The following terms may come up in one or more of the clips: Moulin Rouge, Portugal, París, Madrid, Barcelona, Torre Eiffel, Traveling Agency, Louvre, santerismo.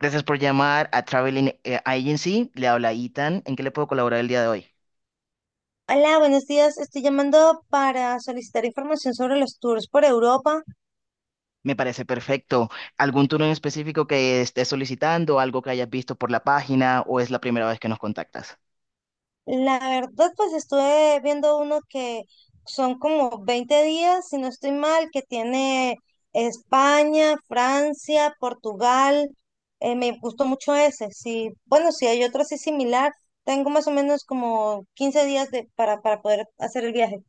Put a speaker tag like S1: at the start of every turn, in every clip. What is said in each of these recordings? S1: Gracias por llamar a Traveling Agency. Le habla Ethan. ¿En qué le puedo colaborar el día de hoy?
S2: Hola, buenos días. Estoy llamando para solicitar información sobre los tours por Europa.
S1: Me parece perfecto. ¿Algún turno en específico que estés solicitando, algo que hayas visto por la página o es la primera vez que nos contactas?
S2: La verdad, pues estuve viendo uno que son como 20 días, si no estoy mal, que tiene España, Francia, Portugal. Me gustó mucho ese. Sí, bueno, si hay otro así similar, tengo más o menos como 15 días para poder hacer el viaje.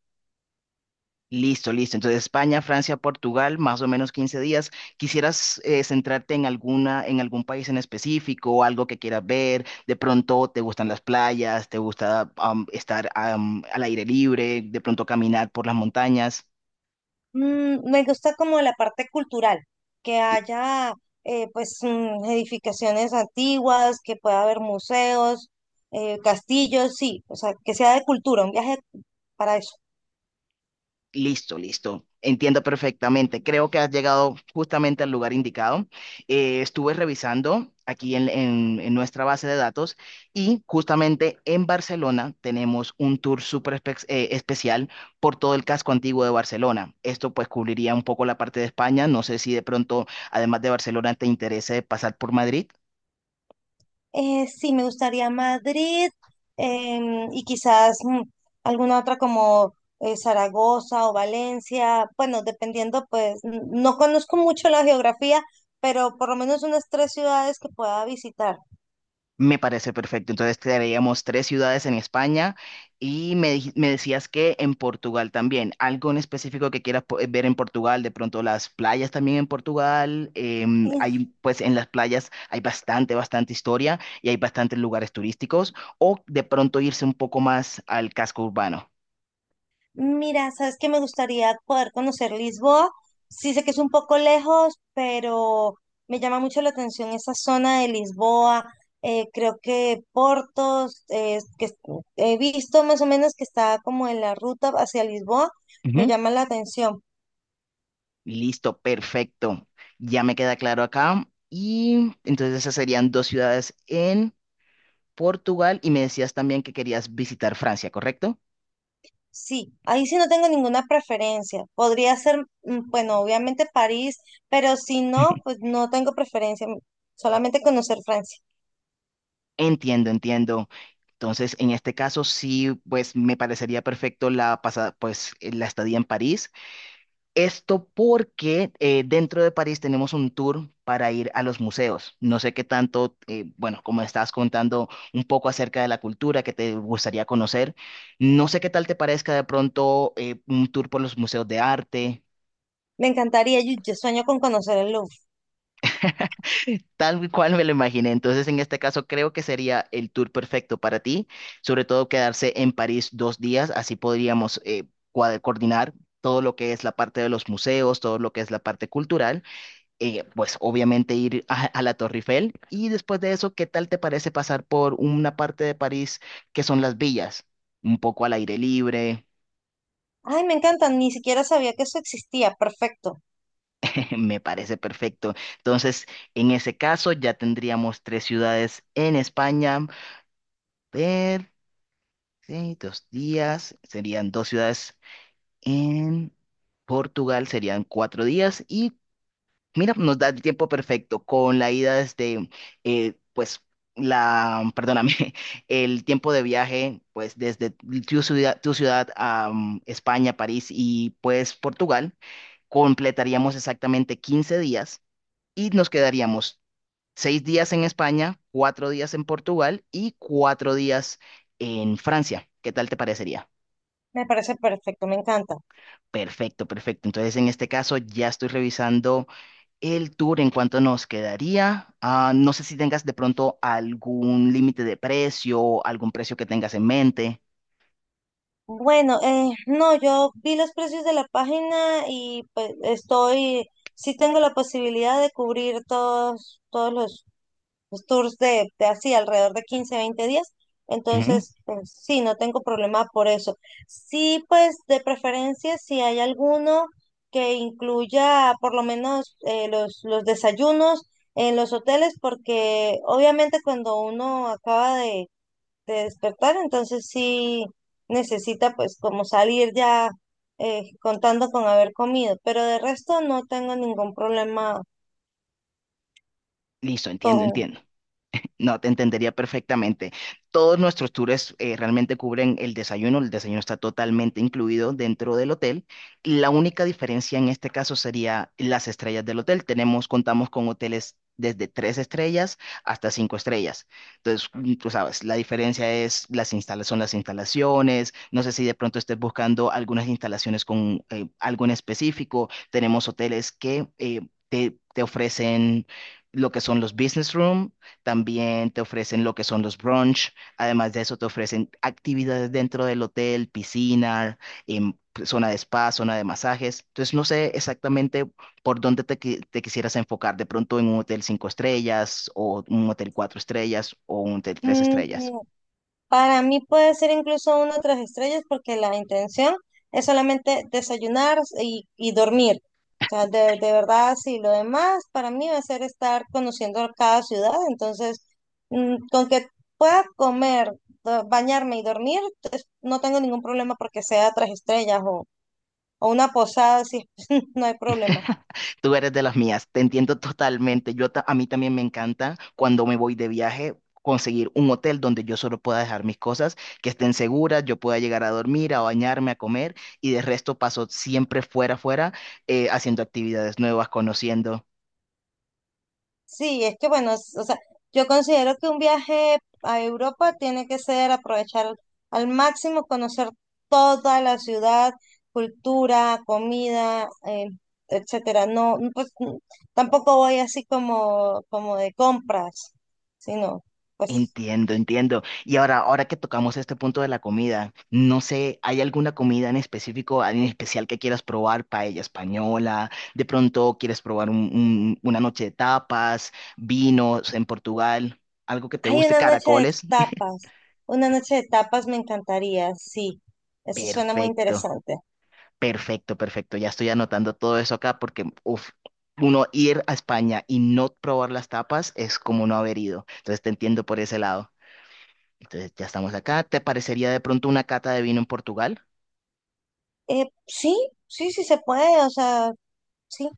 S1: Listo, listo. Entonces, España, Francia, Portugal, más o menos 15 días. ¿Quisieras centrarte en alguna, en algún país en específico o algo que quieras ver? De pronto, ¿te gustan las playas? ¿Te gusta estar al aire libre? ¿De pronto caminar por las montañas?
S2: Mm, me gusta como la parte cultural, que haya pues edificaciones antiguas, que pueda haber museos, castillos, sí, o sea, que sea de cultura, un viaje para eso.
S1: Listo, listo. Entiendo perfectamente. Creo que has llegado justamente al lugar indicado. Estuve revisando aquí en nuestra base de datos y justamente en Barcelona tenemos un tour súper especial por todo el casco antiguo de Barcelona. Esto pues cubriría un poco la parte de España. No sé si de pronto, además de Barcelona, te interese pasar por Madrid.
S2: Sí, me gustaría Madrid y quizás alguna otra como Zaragoza o Valencia, bueno, dependiendo, pues no conozco mucho la geografía, pero por lo menos unas tres ciudades que pueda visitar.
S1: Me parece perfecto. Entonces crearíamos tres ciudades en España y me decías que en Portugal también. ¿Algo en específico que quieras ver en Portugal? De pronto las playas también en Portugal.
S2: Eh,
S1: Hay, pues en las playas hay bastante, bastante historia y hay bastantes lugares turísticos. O de pronto irse un poco más al casco urbano.
S2: Mira, sabes que me gustaría poder conocer Lisboa. Sí sé que es un poco lejos, pero me llama mucho la atención esa zona de Lisboa. Creo que Portos, he visto más o menos que está como en la ruta hacia Lisboa, me
S1: Ujú.
S2: llama la atención.
S1: Listo, perfecto. Ya me queda claro acá. Y entonces esas serían dos ciudades en Portugal y me decías también que querías visitar Francia, ¿correcto?
S2: Sí, ahí sí no tengo ninguna preferencia. Podría ser, bueno, obviamente París, pero si no, pues no tengo preferencia. Solamente conocer Francia.
S1: Entiendo, entiendo. Entonces, en este caso sí, pues me parecería perfecto la pasada, pues la estadía en París. Esto porque dentro de París tenemos un tour para ir a los museos. No sé qué tanto, bueno, como estás contando un poco acerca de la cultura que te gustaría conocer, no sé qué tal te parezca de pronto un tour por los museos de arte.
S2: Me encantaría, yo sueño con conocer el Louvre.
S1: Tal cual me lo imaginé. Entonces, en este caso, creo que sería el tour perfecto para ti, sobre todo quedarse en París dos días, así podríamos coordinar todo lo que es la parte de los museos, todo lo que es la parte cultural, pues obviamente ir a la Torre Eiffel y después de eso, ¿qué tal te parece pasar por una parte de París que son las villas? Un poco al aire libre,
S2: Ay, me encanta, ni siquiera sabía que eso existía. Perfecto,
S1: me parece perfecto. Entonces, en ese caso, ya tendríamos tres ciudades en España. Ver, sí, dos días, serían dos ciudades en Portugal, serían cuatro días y mira, nos da el tiempo perfecto con la ida desde, pues, la, perdóname, el tiempo de viaje, pues, desde tu ciudad a España, París y pues Portugal, completaríamos exactamente 15 días y nos quedaríamos seis días en España, cuatro días en Portugal y cuatro días en Francia. ¿Qué tal te parecería?
S2: me parece perfecto, me encanta.
S1: Perfecto, perfecto. Entonces, en este caso, ya estoy revisando el tour en cuanto nos quedaría. Ah, no sé si tengas de pronto algún límite de precio, algún precio que tengas en mente.
S2: Bueno, no, yo vi los precios de la página y pues estoy, sí tengo la posibilidad de cubrir todos los tours de así alrededor de 15 20 días.
S1: Ujú.
S2: Entonces, pues, sí, no tengo problema por eso. Sí, pues de preferencia, si hay alguno que incluya por lo menos los desayunos en los hoteles, porque obviamente cuando uno acaba de despertar, entonces sí necesita pues como salir ya contando con haber comido, pero de resto no tengo ningún problema
S1: Listo, entiendo,
S2: con.
S1: entiendo. No, te entendería perfectamente. Todos nuestros tours realmente cubren el desayuno. El desayuno está totalmente incluido dentro del hotel. La única diferencia en este caso sería las estrellas del hotel. Tenemos, contamos con hoteles desde tres estrellas hasta cinco estrellas. Entonces, mm, tú sabes, la diferencia es son las instalaciones. No sé si de pronto estés buscando algunas instalaciones con algo en específico. Tenemos hoteles que te, te ofrecen lo que son los business room. También te ofrecen lo que son los brunch. Además de eso, te ofrecen actividades dentro del hotel, piscina, em, zona de spa, zona de masajes. Entonces, no sé exactamente por dónde te quisieras enfocar. De pronto en un hotel cinco estrellas o un hotel cuatro estrellas o un hotel tres estrellas.
S2: Mm, Para mí puede ser incluso uno o tres estrellas porque la intención es solamente desayunar y dormir. O sea, de verdad, sí, lo demás para mí va a ser estar conociendo cada ciudad. Entonces, con que pueda comer, bañarme y dormir, pues, no tengo ningún problema porque sea tres estrellas o una posada, sí, no hay problema.
S1: Tú eres de las mías, te entiendo totalmente. A mí también me encanta cuando me voy de viaje conseguir un hotel donde yo solo pueda dejar mis cosas, que estén seguras, yo pueda llegar a dormir, a bañarme, a comer y de resto paso siempre fuera, haciendo actividades nuevas, conociendo.
S2: Sí, es que bueno, o sea, yo considero que un viaje a Europa tiene que ser aprovechar al máximo, conocer toda la ciudad, cultura, comida, etcétera. No, tampoco voy así como de compras, sino pues
S1: Entiendo, entiendo. Y ahora que tocamos este punto de la comida, no sé, ¿hay alguna comida en específico, en especial que quieras probar? Paella española, de pronto quieres probar una noche de tapas, vinos en Portugal, algo que te
S2: hay
S1: guste,
S2: una noche de
S1: caracoles.
S2: tapas. Una noche de tapas me encantaría, sí. Eso suena muy
S1: Perfecto,
S2: interesante.
S1: perfecto, perfecto. Ya estoy anotando todo eso acá porque, uf, uno ir a España y no probar las tapas es como no haber ido. Entonces te entiendo por ese lado. Entonces ya estamos acá. ¿Te parecería de pronto una cata de vino en Portugal?
S2: Sí, sí, sí se puede, o sea, sí.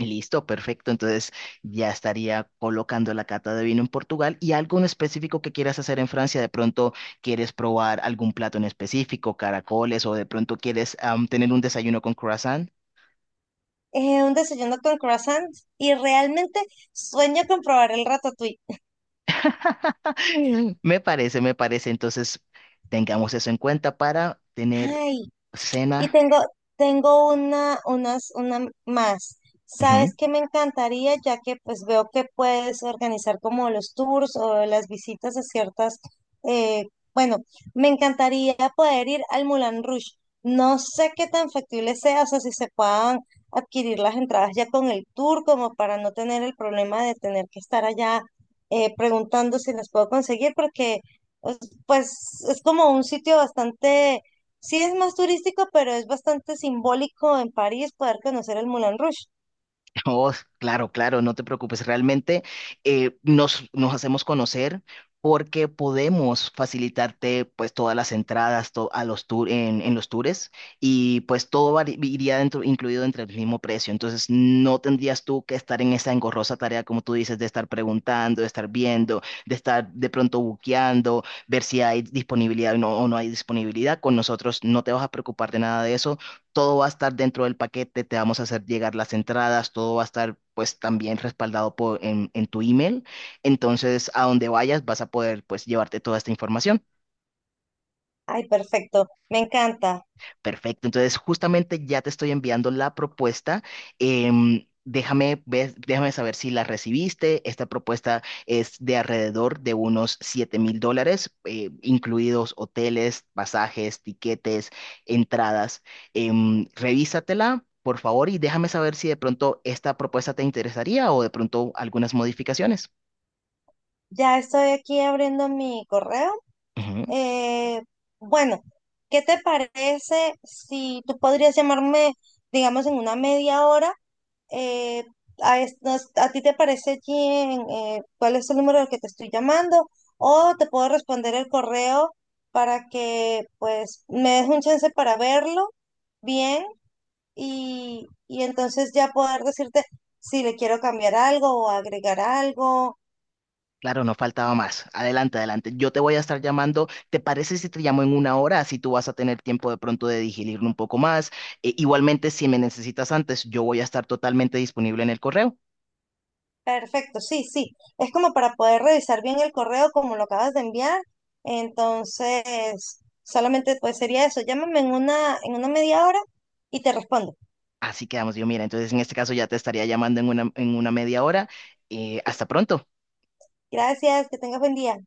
S1: Listo, perfecto. Entonces ya estaría colocando la cata de vino en Portugal y algo en específico que quieras hacer en Francia. De pronto quieres probar algún plato en específico, caracoles o de pronto quieres tener un desayuno con croissant.
S2: un desayuno con croissant y realmente sueño con probar el ratatouille.
S1: Me parece, me parece. Entonces tengamos eso en cuenta para tener
S2: Ay, y
S1: cena.
S2: tengo una más. ¿Sabes qué me encantaría? Ya que pues veo que puedes organizar como los tours o las visitas de ciertas, eh, bueno, me encantaría poder ir al Moulin Rouge. No sé qué tan factible sea, o sea, si se puedan adquirir las entradas ya con el tour, como para no tener el problema de tener que estar allá preguntando si las puedo conseguir, porque pues pues, es como un sitio bastante. Sí es más turístico, pero es bastante simbólico en París poder conocer el Moulin Rouge.
S1: Oh, claro, claro, no te preocupes. Realmente nos, nos hacemos conocer porque podemos facilitarte pues todas las entradas a los tour, en los tours y pues iría dentro, incluido dentro del mismo precio. Entonces no tendrías tú que estar en esa engorrosa tarea, como tú dices, de estar preguntando, de estar viendo, de estar de pronto buqueando, ver si hay disponibilidad o no hay disponibilidad. Con nosotros no te vas a preocupar de nada de eso. Todo va a estar dentro del paquete, te vamos a hacer llegar las entradas, todo va a estar pues también respaldado por, en tu email. Entonces, a donde vayas vas a poder pues llevarte toda esta información.
S2: Ay, perfecto, me encanta.
S1: Perfecto, entonces justamente ya te estoy enviando la propuesta. Déjame saber si la recibiste. Esta propuesta es de alrededor de unos $7000, incluidos hoteles, pasajes, tiquetes, entradas. Revísatela, por favor, y déjame saber si de pronto esta propuesta te interesaría o de pronto algunas modificaciones.
S2: Ya estoy aquí abriendo mi correo.
S1: Ujú.
S2: Eh, bueno, ¿qué te parece si tú podrías llamarme, digamos, en una media hora? Eh, ¿A ti te parece bien cuál es el número al que te estoy llamando? O te puedo responder el correo para que pues me des un chance para verlo bien y entonces ya poder decirte si le quiero cambiar algo o agregar algo.
S1: Claro, no faltaba más. Adelante, adelante. Yo te voy a estar llamando. ¿Te parece si te llamo en una hora? Así tú vas a tener tiempo de pronto de digerirlo un poco más. E- igualmente, si me necesitas antes, yo voy a estar totalmente disponible en el correo.
S2: Perfecto, sí, sí. Es como para poder revisar bien el correo como lo acabas de enviar. Entonces, solamente pues sería eso. Llámame en una media hora y te respondo.
S1: Así quedamos, yo mira. Entonces, en este caso ya te estaría llamando en una media hora. Hasta pronto.
S2: Gracias, que tengas buen día.